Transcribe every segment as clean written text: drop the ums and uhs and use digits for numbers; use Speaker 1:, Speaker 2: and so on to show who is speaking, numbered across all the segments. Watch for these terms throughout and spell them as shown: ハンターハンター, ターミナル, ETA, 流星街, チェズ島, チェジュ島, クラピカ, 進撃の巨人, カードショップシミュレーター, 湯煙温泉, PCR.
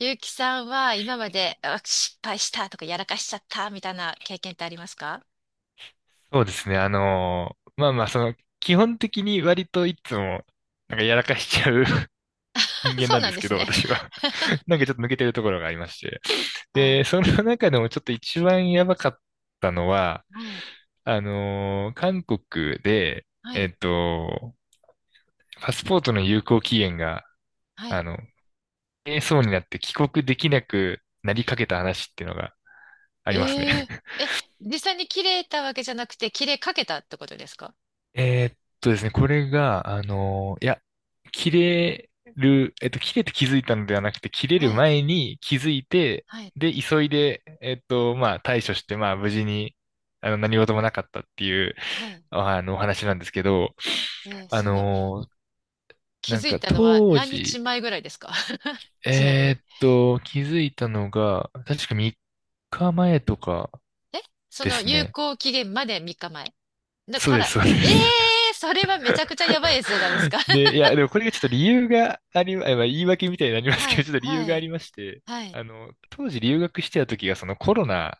Speaker 1: ゆうきさんは今まで失敗したとかやらかしちゃったみたいな経験ってありますか？
Speaker 2: そうですね。基本的に割といつも、やらかしちゃう 人 間
Speaker 1: そう
Speaker 2: なん
Speaker 1: な
Speaker 2: で
Speaker 1: ん
Speaker 2: す
Speaker 1: で
Speaker 2: け
Speaker 1: す
Speaker 2: ど、
Speaker 1: ね。
Speaker 2: 私は なんかちょっと抜けてるところがありまして。
Speaker 1: あ、
Speaker 2: で、その中でもちょっと一番やばかったのは、
Speaker 1: はい、
Speaker 2: 韓国で、
Speaker 1: は
Speaker 2: え
Speaker 1: い、
Speaker 2: っと、パスポートの有効期限が、
Speaker 1: は
Speaker 2: あ
Speaker 1: い。
Speaker 2: の、切れそうになって帰国できなくなりかけた話っていうのがありますね。
Speaker 1: えええ、実際に切れたわけじゃなくて、切れかけたってことですか？
Speaker 2: これが、切れる、えっと、切れて気づいたのではなくて、切れ
Speaker 1: は
Speaker 2: る
Speaker 1: い、
Speaker 2: 前に気づいて、
Speaker 1: はい、
Speaker 2: で、急いで、対処して、まあ、無事に、何事もなかったっていう、
Speaker 1: はい。
Speaker 2: あの、お話なんですけど、あ
Speaker 1: その、
Speaker 2: の
Speaker 1: 気づいたのは
Speaker 2: 当
Speaker 1: 何日
Speaker 2: 時、
Speaker 1: 前ぐらいですか？ ちなみに。
Speaker 2: 気づいたのが、確か3日前とか
Speaker 1: え、そ
Speaker 2: で
Speaker 1: の
Speaker 2: す
Speaker 1: 有
Speaker 2: ね。
Speaker 1: 効期限まで3日前。だ
Speaker 2: そう
Speaker 1: か
Speaker 2: で
Speaker 1: ら、
Speaker 2: す、そうです。
Speaker 1: それはめちゃくちゃやばいやつじゃないです か。
Speaker 2: で、でもこれがちょっと理由があり、あまあ、言い訳みたいになります
Speaker 1: は
Speaker 2: けど、
Speaker 1: い、
Speaker 2: ちょっと理由
Speaker 1: は
Speaker 2: があ
Speaker 1: い、
Speaker 2: りまして、
Speaker 1: はい。
Speaker 2: あの、当時留学してた時がその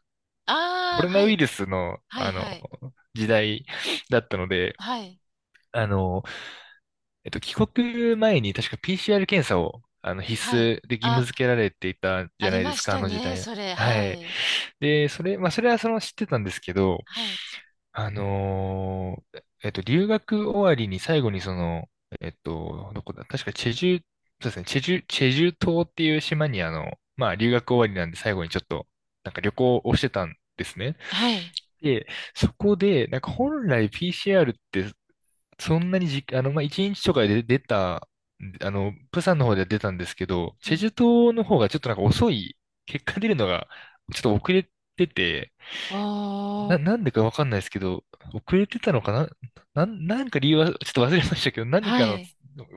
Speaker 2: コ
Speaker 1: ああ、
Speaker 2: ロ
Speaker 1: は
Speaker 2: ナウイ
Speaker 1: い。
Speaker 2: ルスの、
Speaker 1: はい
Speaker 2: あの、
Speaker 1: はい。
Speaker 2: 時代だったので、
Speaker 1: はい。
Speaker 2: あの、帰国前に確か PCR 検査を、あの、必
Speaker 1: はい。
Speaker 2: 須で義務
Speaker 1: あ、
Speaker 2: 付けられていたじ
Speaker 1: あ
Speaker 2: ゃ
Speaker 1: り
Speaker 2: ないで
Speaker 1: ま
Speaker 2: す
Speaker 1: し
Speaker 2: か、あ
Speaker 1: た
Speaker 2: の時
Speaker 1: ね、
Speaker 2: 代は。
Speaker 1: それ。
Speaker 2: は
Speaker 1: は
Speaker 2: い。
Speaker 1: い。
Speaker 2: で、それ、それはその知ってたんですけど、
Speaker 1: はい。
Speaker 2: 留学終わりに最後にその、えっと、どこだ、確かチェジュ、そうですね、チェジュ、チェジュ島っていう島にまあ留学終わりなんで最後にちょっと、なんか旅行をしてたんですね。
Speaker 1: はい。
Speaker 2: で、そこで、なんか本来 PCR ってそんなにじ、あの、まあ1日とかで出た、あの、プサンの方では出たんですけど、
Speaker 1: う
Speaker 2: チェジ
Speaker 1: ん。
Speaker 2: ュ島の方がちょっとなんか遅い、結果出るのがちょっと遅れてて、
Speaker 1: おー。
Speaker 2: なんでかわかんないですけど、遅れてたのかな、なんか理由はちょっと忘れましたけど、何
Speaker 1: は
Speaker 2: かの
Speaker 1: い。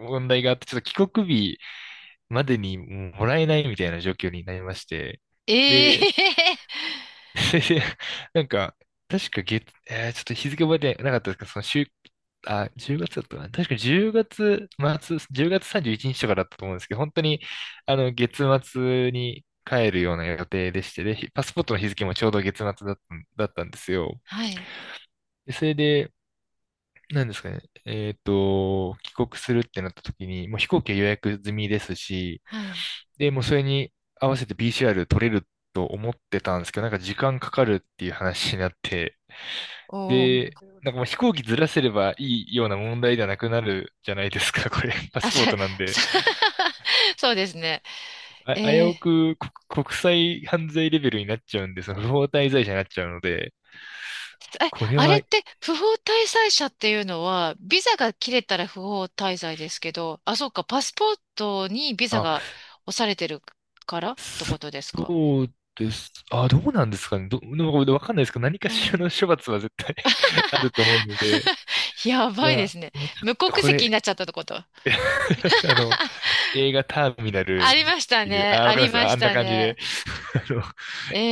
Speaker 2: 問題があって、ちょっと帰国日までにもらえないみたいな状況になりまして、
Speaker 1: え
Speaker 2: で、
Speaker 1: え。
Speaker 2: それで、なんか、確か月、えーちょっと日付覚えてなかったですかその週、あ、10月だったかな。確か10月末、10月31日とかだったと思うんですけど、本当に、あの、月末に帰るような予定でして、で、パスポートの日付もちょうど月末だったんですよ。
Speaker 1: はい。
Speaker 2: でそれで、なんですかね。帰国するってなった時に、もう飛行機は予約済みですし、
Speaker 1: はい。
Speaker 2: で、もうそれに合わせて PCR 取れると思ってたんですけど、なんか時間かかるっていう話になって、
Speaker 1: お
Speaker 2: で、
Speaker 1: ー。
Speaker 2: なんかもう飛行機ずらせればいいような問題ではなくなるじゃないですか、これ。パ
Speaker 1: あ、
Speaker 2: スポー
Speaker 1: さ、
Speaker 2: トなんで。
Speaker 1: さ そうですね。
Speaker 2: あ、
Speaker 1: え
Speaker 2: 危
Speaker 1: ー、
Speaker 2: うく国際犯罪レベルになっちゃうんで、その不法滞在者になっちゃうので、これ
Speaker 1: あれ
Speaker 2: は、
Speaker 1: って不法滞在者っていうのは、ビザが切れたら不法滞在ですけど、あ、そうか、パスポートにビザが
Speaker 2: あ
Speaker 1: 押されてるからってことですか？
Speaker 2: そうです。あ、どうなんですかね。でもわかんないですけど、何か
Speaker 1: う
Speaker 2: しら
Speaker 1: ん。
Speaker 2: の処罰は絶対 あると思うので、
Speaker 1: やばい
Speaker 2: ま
Speaker 1: で
Speaker 2: あ、
Speaker 1: すね。無国
Speaker 2: こ
Speaker 1: 籍に
Speaker 2: れ、
Speaker 1: なっちゃったってこと。
Speaker 2: あの、映画ターミナ
Speaker 1: あ
Speaker 2: ル
Speaker 1: り
Speaker 2: っ
Speaker 1: ました
Speaker 2: ていう、
Speaker 1: ね。
Speaker 2: あ、わ
Speaker 1: あ
Speaker 2: かりま
Speaker 1: り
Speaker 2: す。
Speaker 1: ま
Speaker 2: あ
Speaker 1: し
Speaker 2: あんな
Speaker 1: た
Speaker 2: 感じで、
Speaker 1: ね。
Speaker 2: あの、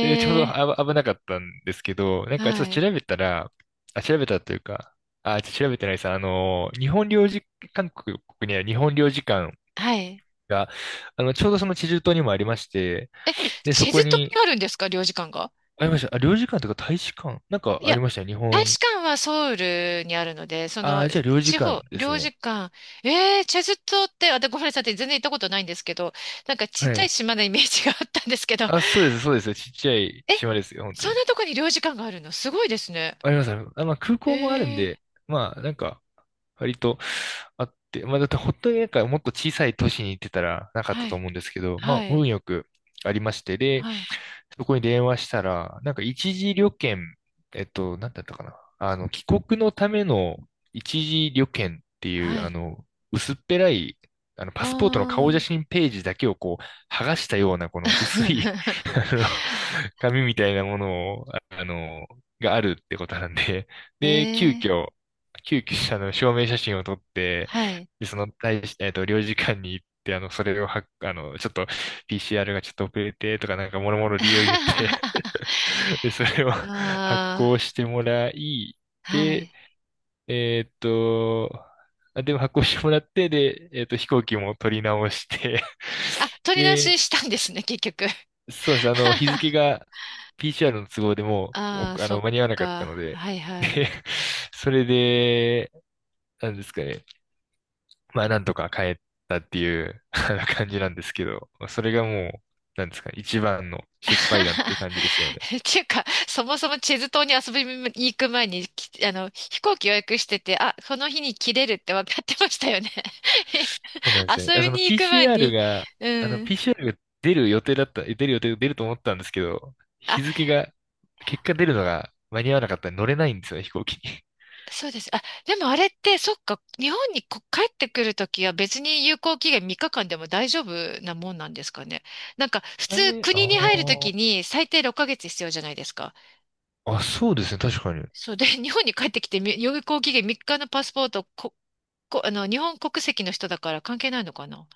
Speaker 2: でちょう
Speaker 1: え。
Speaker 2: どあ危なかったんですけど、なんかちょ
Speaker 1: は
Speaker 2: っと調
Speaker 1: い。
Speaker 2: べたら、あ、調べたというか、あ、ちょっと調べてないです。あの、日本領事、韓国にある日本領事館
Speaker 1: はい。
Speaker 2: が、あの、ちょうどその地州島にもありまして、
Speaker 1: え、
Speaker 2: で、そ
Speaker 1: チェ
Speaker 2: こ
Speaker 1: ズ島に
Speaker 2: に、
Speaker 1: あるんですか領事館が？
Speaker 2: ありました。あ、領事館とか大使館なんか
Speaker 1: い
Speaker 2: あ
Speaker 1: や、
Speaker 2: りましたよ、日
Speaker 1: 大
Speaker 2: 本。
Speaker 1: 使館はソウルにあるので、その、
Speaker 2: あ、じゃあ領事
Speaker 1: 地
Speaker 2: 館
Speaker 1: 方、
Speaker 2: です
Speaker 1: 領
Speaker 2: ね。
Speaker 1: 事館。えー、チェズ島って、あ、でごめんなさい、全然行ったことないんですけど、なんかちっ
Speaker 2: は
Speaker 1: ちゃい
Speaker 2: い。
Speaker 1: 島のイメージがあったんですけど、
Speaker 2: あ、そうです。ちっちゃい
Speaker 1: え、
Speaker 2: 島ですよ、本当
Speaker 1: そん
Speaker 2: に。
Speaker 1: なとこに領事館があるのすごいですね。
Speaker 2: あります。あ、まあ空
Speaker 1: え
Speaker 2: 港もあるん
Speaker 1: ー、
Speaker 2: で、まあなんか、割とあって、まあだって本当になんかもっと小さい都市に行ってたらなかった
Speaker 1: は
Speaker 2: と
Speaker 1: い、
Speaker 2: 思うんですけど、まあ
Speaker 1: は
Speaker 2: 運
Speaker 1: い、
Speaker 2: よくありまして、で、
Speaker 1: はい。
Speaker 2: そこに電話したら、なんか一時旅券、えっと、なんだったかな。あの、帰国のための一時旅券っていう、
Speaker 1: は
Speaker 2: あ
Speaker 1: い。
Speaker 2: の、薄っぺらい、あの、
Speaker 1: あ
Speaker 2: パスポートの顔写
Speaker 1: あ。
Speaker 2: 真ページだけをこう、剥がしたような、この薄い あの紙みたいなものを、ああの、があるってことなんで、
Speaker 1: え
Speaker 2: で、
Speaker 1: え。
Speaker 2: 急遽、あの、証明写真を撮って、
Speaker 1: はい。
Speaker 2: で、その、大し、えっと、領事館に行って、あの、それをは、あの、ちょっと、PCR がちょっと遅れて、とか、なんか、もろもろ理由を言って、で、それを 発
Speaker 1: あ
Speaker 2: 行してもらい、
Speaker 1: あ、は
Speaker 2: で、
Speaker 1: い。
Speaker 2: えーっと、でも発行してもらって、で、飛行機も取り直して、
Speaker 1: あ、取り出
Speaker 2: で、
Speaker 1: ししたんですね、結局。
Speaker 2: そうです。あの、日付が PCR の都合でもう、
Speaker 1: ああ、
Speaker 2: おあ
Speaker 1: そ
Speaker 2: の、
Speaker 1: っ
Speaker 2: 間に合わなかっ
Speaker 1: か。
Speaker 2: たので、
Speaker 1: はい はい。
Speaker 2: で、それで、なんですかね。まあ、なんとか帰ったっていうあの感じなんですけど、それがもう、なんですかね、一番の失敗談っていう感じですよね。
Speaker 1: っていうか、そもそもチェズ島に遊びに行く前に、あの、飛行機予約してて、あ、この日に切れるって分かってましたよね。
Speaker 2: そうなん ですね。
Speaker 1: 遊
Speaker 2: あ
Speaker 1: び
Speaker 2: その
Speaker 1: に行く前
Speaker 2: PCR
Speaker 1: に、
Speaker 2: が、
Speaker 1: うん。
Speaker 2: PCR が出る予定だった、え出る予定、出ると思ったんですけど、日付が、結果出るのが間に合わなかったんで乗れないんですよね、飛行機に。
Speaker 1: そうです。あ、でもあれって、そっか、日本に帰ってくるときは別に有効期限3日間でも大丈夫なもんなんですかね。なんか、普
Speaker 2: え
Speaker 1: 通
Speaker 2: ー、あ
Speaker 1: 国に入るとき
Speaker 2: ー
Speaker 1: に最低6ヶ月必要じゃないですか。
Speaker 2: あ、そうですね、確かに。
Speaker 1: そうで、日本に帰ってきて有効期限3日のパスポート、あの、日本国籍の人だから関係ないのかな。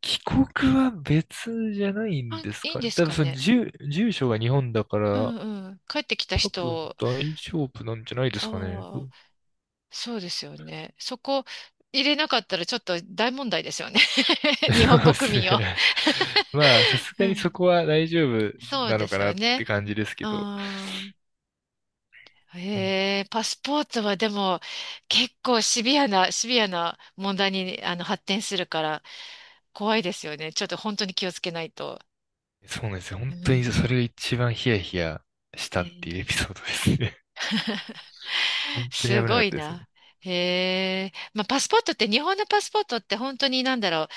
Speaker 2: 帰国は別じゃない
Speaker 1: あ、
Speaker 2: んです
Speaker 1: いいん
Speaker 2: か
Speaker 1: です
Speaker 2: 多分
Speaker 1: か
Speaker 2: その
Speaker 1: ね。
Speaker 2: 住所が日本だか
Speaker 1: う
Speaker 2: ら、
Speaker 1: んうん。帰ってきた
Speaker 2: 多分
Speaker 1: 人、
Speaker 2: 大丈夫なんじゃないですかね。ど
Speaker 1: ああ、
Speaker 2: う
Speaker 1: そうですよね。そこ入れなかったらちょっと大問題ですよね。日
Speaker 2: そ
Speaker 1: 本
Speaker 2: うで
Speaker 1: 国
Speaker 2: す
Speaker 1: 民を。
Speaker 2: ね。まあ、さすがにそこは大丈夫
Speaker 1: そう
Speaker 2: な
Speaker 1: で
Speaker 2: のか
Speaker 1: す
Speaker 2: な
Speaker 1: よ
Speaker 2: って
Speaker 1: ね。
Speaker 2: 感じですけ
Speaker 1: う
Speaker 2: ど。
Speaker 1: ーん。
Speaker 2: うん
Speaker 1: へえ、パスポートはでも結構シビアな問題にあの発展するから怖いですよね。ちょっと本当に気をつけないと。
Speaker 2: そうなんですよ。本
Speaker 1: う
Speaker 2: 当
Speaker 1: ん。
Speaker 2: にそれが一番ヒヤヒヤしたっていうエ
Speaker 1: ね。
Speaker 2: ピソードですね。本当に危
Speaker 1: す
Speaker 2: なか
Speaker 1: ご
Speaker 2: った
Speaker 1: い
Speaker 2: です
Speaker 1: な。
Speaker 2: ね。
Speaker 1: へえ。まあ、パスポートって、日本のパスポートって本当になんだろう。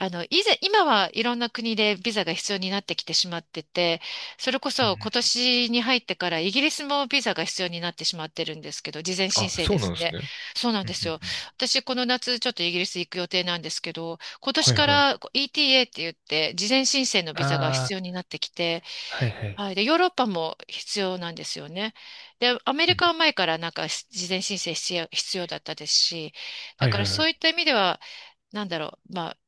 Speaker 1: あの、以前、今はいろんな国でビザが必要になってきてしまってて、それこ
Speaker 2: うん
Speaker 1: そ今
Speaker 2: うん。
Speaker 1: 年に入ってからイギリスもビザが必要になってしまってるんですけど、事前申
Speaker 2: あ、
Speaker 1: 請
Speaker 2: そう
Speaker 1: で
Speaker 2: なん
Speaker 1: す
Speaker 2: です
Speaker 1: ね。
Speaker 2: ね。
Speaker 1: そうなん
Speaker 2: うんう
Speaker 1: で
Speaker 2: ん
Speaker 1: すよ。
Speaker 2: うん。
Speaker 1: 私、この夏ちょっとイギリス行く予定なんですけど、今年
Speaker 2: はい
Speaker 1: か
Speaker 2: はい。
Speaker 1: らこう ETA って言って、事前申請のビザが
Speaker 2: あ
Speaker 1: 必要になってきて、
Speaker 2: あ、はいはい。
Speaker 1: はい。で、ヨーロッパも必要なんですよね。で、アメ
Speaker 2: う
Speaker 1: リ
Speaker 2: ん。
Speaker 1: カは前からなんか事前申請必要だったですし、だ
Speaker 2: はい
Speaker 1: か
Speaker 2: は
Speaker 1: ら
Speaker 2: いは
Speaker 1: そ
Speaker 2: い。
Speaker 1: ういった意味では、なんだろう、まあ、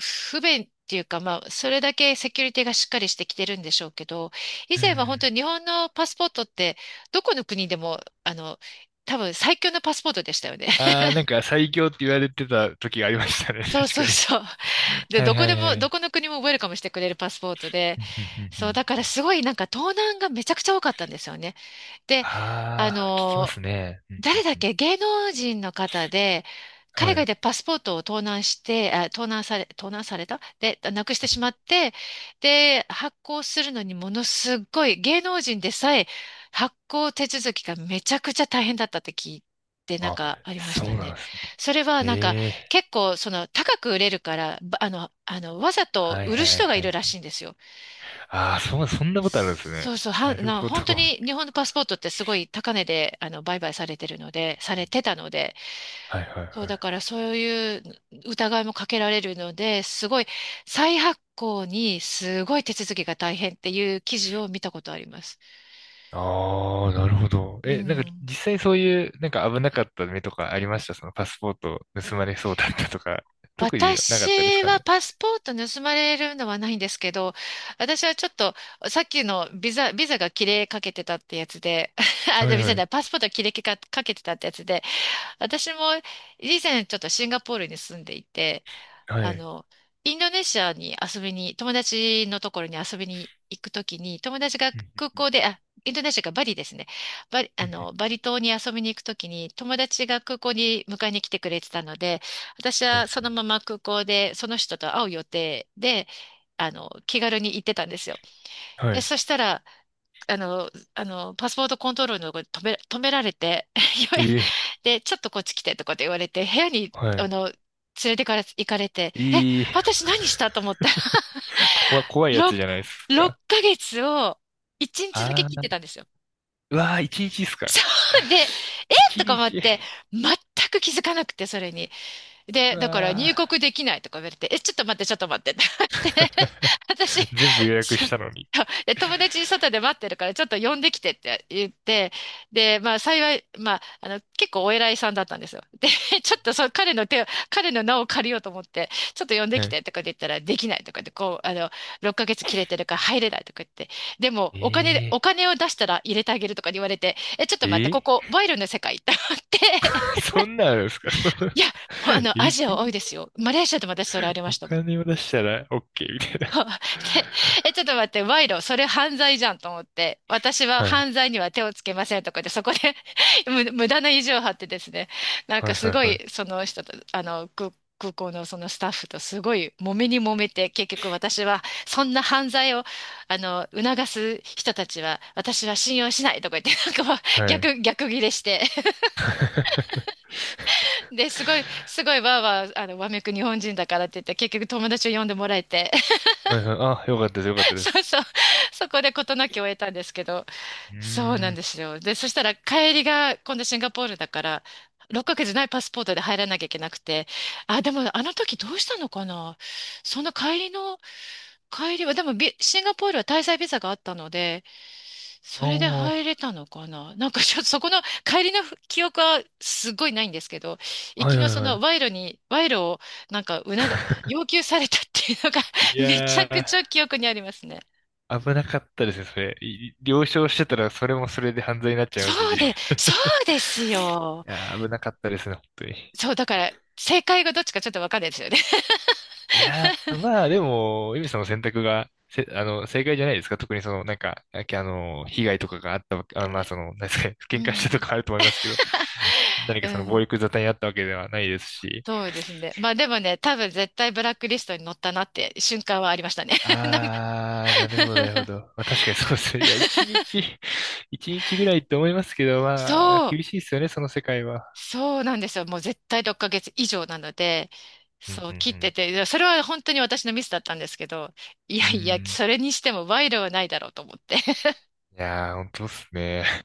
Speaker 1: 不便っていうか、まあ、それだけセキュリティがしっかりしてきてるんでしょうけど、以
Speaker 2: う
Speaker 1: 前は本
Speaker 2: ん。
Speaker 1: 当に日本のパスポートって、どこの国でも、あの、多分最強のパスポートでしたよね。
Speaker 2: ああ、なんか最強って言われてた時がありましたね。
Speaker 1: そう
Speaker 2: 確
Speaker 1: そう
Speaker 2: かに。
Speaker 1: そう。で、
Speaker 2: はい
Speaker 1: どこ
Speaker 2: は
Speaker 1: で
Speaker 2: い
Speaker 1: も、
Speaker 2: は
Speaker 1: ど
Speaker 2: い。
Speaker 1: この国もウェルカムしてくれるパスポートで、
Speaker 2: うんうんうんう
Speaker 1: そう、
Speaker 2: ん
Speaker 1: だからすごいなんか盗難がめちゃくちゃ多かったんですよね。で、あ
Speaker 2: ああ、聞きま
Speaker 1: の、
Speaker 2: すね。うんう
Speaker 1: 誰
Speaker 2: ん
Speaker 1: だっ
Speaker 2: うん
Speaker 1: け、芸能人の方で、
Speaker 2: は
Speaker 1: 海外
Speaker 2: い。
Speaker 1: でパスポートを盗難して、盗難されたで、なくしてしまって、で、発行するのにものすっごい、芸能人でさえ発行手続きがめちゃくちゃ大変だったって聞いて、なん
Speaker 2: あ、
Speaker 1: かありまし
Speaker 2: そう
Speaker 1: た
Speaker 2: な
Speaker 1: ね。
Speaker 2: んですね。
Speaker 1: それはなんか
Speaker 2: ええ
Speaker 1: 結構その高く売れるから、あの、あの、わざと
Speaker 2: はい
Speaker 1: 売る
Speaker 2: はい
Speaker 1: 人がい
Speaker 2: は
Speaker 1: るら
Speaker 2: い。
Speaker 1: しいんですよ。
Speaker 2: ああ、そう、そんなことあるんですね。なるほど。
Speaker 1: 本当
Speaker 2: うん
Speaker 1: に日本のパスポートってすごい高値で、あの、売買されてるので、されてたので、
Speaker 2: はいはいはい。
Speaker 1: そう、だからそういう疑いもかけられるので、すごい、再発行にすごい手続きが大変っていう記事を見たことあります。
Speaker 2: ああ、なるほど。
Speaker 1: う
Speaker 2: え、なんか
Speaker 1: ん。
Speaker 2: 実際そういう、なんか危なかった目とかありましたそのパスポート盗まれそうだったとか、特になかったです
Speaker 1: 私
Speaker 2: か
Speaker 1: は
Speaker 2: ね。
Speaker 1: パスポート盗まれるのはないんですけど、私はちょっと、さっきのビザ、ビザが切れかけてたってやつで、あ、
Speaker 2: は
Speaker 1: じゃあ
Speaker 2: い
Speaker 1: ビザ
Speaker 2: はい。
Speaker 1: だ、パスポートが切れかかけてたってやつで、私も以前ちょっとシンガポールに住んでいて、
Speaker 2: は
Speaker 1: あ
Speaker 2: い。
Speaker 1: の、インドネシアに遊びに、友達のところに遊びに行くときに、友達が
Speaker 2: うん
Speaker 1: 空
Speaker 2: うん
Speaker 1: 港で、あ、インドネシアがバリですね。バリ、
Speaker 2: う
Speaker 1: あ
Speaker 2: んう
Speaker 1: の、バリ島に遊びに行くときに、友達が空港に迎えに来てくれてたので、私
Speaker 2: んは
Speaker 1: はそ
Speaker 2: い。
Speaker 1: のまま空港でその人と会う予定で、あの、気軽に行ってたんですよ。
Speaker 2: は
Speaker 1: で、
Speaker 2: い
Speaker 1: そしたら、あの、あの、パスポートコントロールのとこに止められて、
Speaker 2: え え、
Speaker 1: で、ちょっとこっち来てとかって言われて、部屋に、
Speaker 2: は
Speaker 1: あ
Speaker 2: い。
Speaker 1: の、連れてから行かれて、え、
Speaker 2: ええ、
Speaker 1: 私何したと思ったら、
Speaker 2: 怖 いやつ
Speaker 1: 6、
Speaker 2: じゃないですか。
Speaker 1: ヶ月を1日だけ
Speaker 2: あ
Speaker 1: 切って
Speaker 2: ー、
Speaker 1: たんですよ。
Speaker 2: うわー、一日ですか。
Speaker 1: そうで、え
Speaker 2: 一
Speaker 1: とか思っ
Speaker 2: 日。
Speaker 1: て、全く気づかなくて、それに。で、
Speaker 2: う
Speaker 1: だから入
Speaker 2: わ
Speaker 1: 国できないとか言われて、え、ちょっと待って、ちょっと待ってって言って
Speaker 2: ー。
Speaker 1: 私、
Speaker 2: 全部予約
Speaker 1: そ
Speaker 2: し
Speaker 1: う
Speaker 2: たのに。
Speaker 1: で友達外で待ってるからちょっと呼んできてって言って、で、まあ幸い、まあ、あの、結構お偉いさんだったんですよ。で、ちょっとそう、彼の名を借りようと思って、ちょっと呼んで
Speaker 2: は
Speaker 1: き
Speaker 2: い。
Speaker 1: てとかで言ったらできないとかで、こう、あの、6ヶ月切れてるから入れないとか言って、でも
Speaker 2: え
Speaker 1: お金を出したら入れてあげるとか言われて、え、ちょっと
Speaker 2: え、
Speaker 1: 待って、
Speaker 2: え
Speaker 1: こ
Speaker 2: え
Speaker 1: こ、賄賂の世界って思って
Speaker 2: そんなんあるんですかその
Speaker 1: いや、あ の、
Speaker 2: え
Speaker 1: ア
Speaker 2: え、
Speaker 1: ジア多いですよ。マレーシアでも私それありま
Speaker 2: お
Speaker 1: したもん。
Speaker 2: 金を出したら OK みたいな。
Speaker 1: で、え、ちょっと待って、賄賂、それ犯罪じゃんと思って、私は
Speaker 2: はい。
Speaker 1: 犯罪には手をつけませんとかで、そこで 無駄な意地を張ってですね、なん
Speaker 2: は
Speaker 1: か
Speaker 2: い
Speaker 1: す
Speaker 2: はい
Speaker 1: ご
Speaker 2: は
Speaker 1: い、その人と、空港のそのスタッフとすごい揉めに揉めて、結局私は、そんな犯罪を、あの、促す人たちは、私は信用しないとか言って、なんかもう
Speaker 2: い。はい。
Speaker 1: 逆ギレして で、すごいわーわー、あの、わめく日本人だからって言って、結局友達を呼んでもらえて、
Speaker 2: はいはい。あ、よかったです。よかっ たで
Speaker 1: そう
Speaker 2: す。
Speaker 1: そう、そこで事なきを得たんですけど、
Speaker 2: うー
Speaker 1: そうなん
Speaker 2: ん。
Speaker 1: ですよ。で、そしたら帰りが、今度シンガポールだから、6ヶ月ないパスポートで入らなきゃいけなくて、あ、でもあの時どうしたのかなその帰りの、帰りは、でもシンガポールは滞在ビザがあったので、
Speaker 2: あ
Speaker 1: それで入
Speaker 2: あ、
Speaker 1: れたのかななんかちょっとそこの帰りの記憶はすごいないんですけど、行
Speaker 2: は
Speaker 1: き
Speaker 2: いは
Speaker 1: の
Speaker 2: い
Speaker 1: そ
Speaker 2: は
Speaker 1: の
Speaker 2: い
Speaker 1: 賄賂をなんか要求されたっていうのが
Speaker 2: い
Speaker 1: めちゃ
Speaker 2: や、
Speaker 1: くちゃ記憶にありますね。
Speaker 2: 危なかったですね、それ。了承してたら、それもそれで犯罪になっちゃいますし。い
Speaker 1: そうですよ。
Speaker 2: やー、危なかったですね、本当に。
Speaker 1: そう、だから正解がどっちかちょっとわかんないですよね。
Speaker 2: まあ、でも、ゆみさんの選択が、せ、あの、正解じゃないですか。特にその、被害とかがあったわけ、なんですかね、
Speaker 1: う
Speaker 2: 喧嘩した
Speaker 1: ん。
Speaker 2: とかあると思いますけど、何
Speaker 1: う
Speaker 2: かその暴
Speaker 1: ん。
Speaker 2: 力沙汰にあったわけではないですし。
Speaker 1: そうですね。まあでもね、多分絶対ブラックリストに載ったなって瞬間はありましたね。なんか
Speaker 2: ああ、なるほ ど。まあ確かにそうですね。いや、一日、一日ぐらいって思いますけど、
Speaker 1: そ
Speaker 2: まあ、
Speaker 1: う。
Speaker 2: 厳しいですよね、その世界は。
Speaker 1: そうなんですよ。もう絶対6ヶ月以上なので、
Speaker 2: うんう
Speaker 1: そう切って
Speaker 2: ん
Speaker 1: て、いやそれは本当に私のミスだったんですけど、い
Speaker 2: う
Speaker 1: や
Speaker 2: ん。うー
Speaker 1: いや、
Speaker 2: ん。
Speaker 1: それにしても賄賂はないだろうと思って。
Speaker 2: いやー、本当っすね。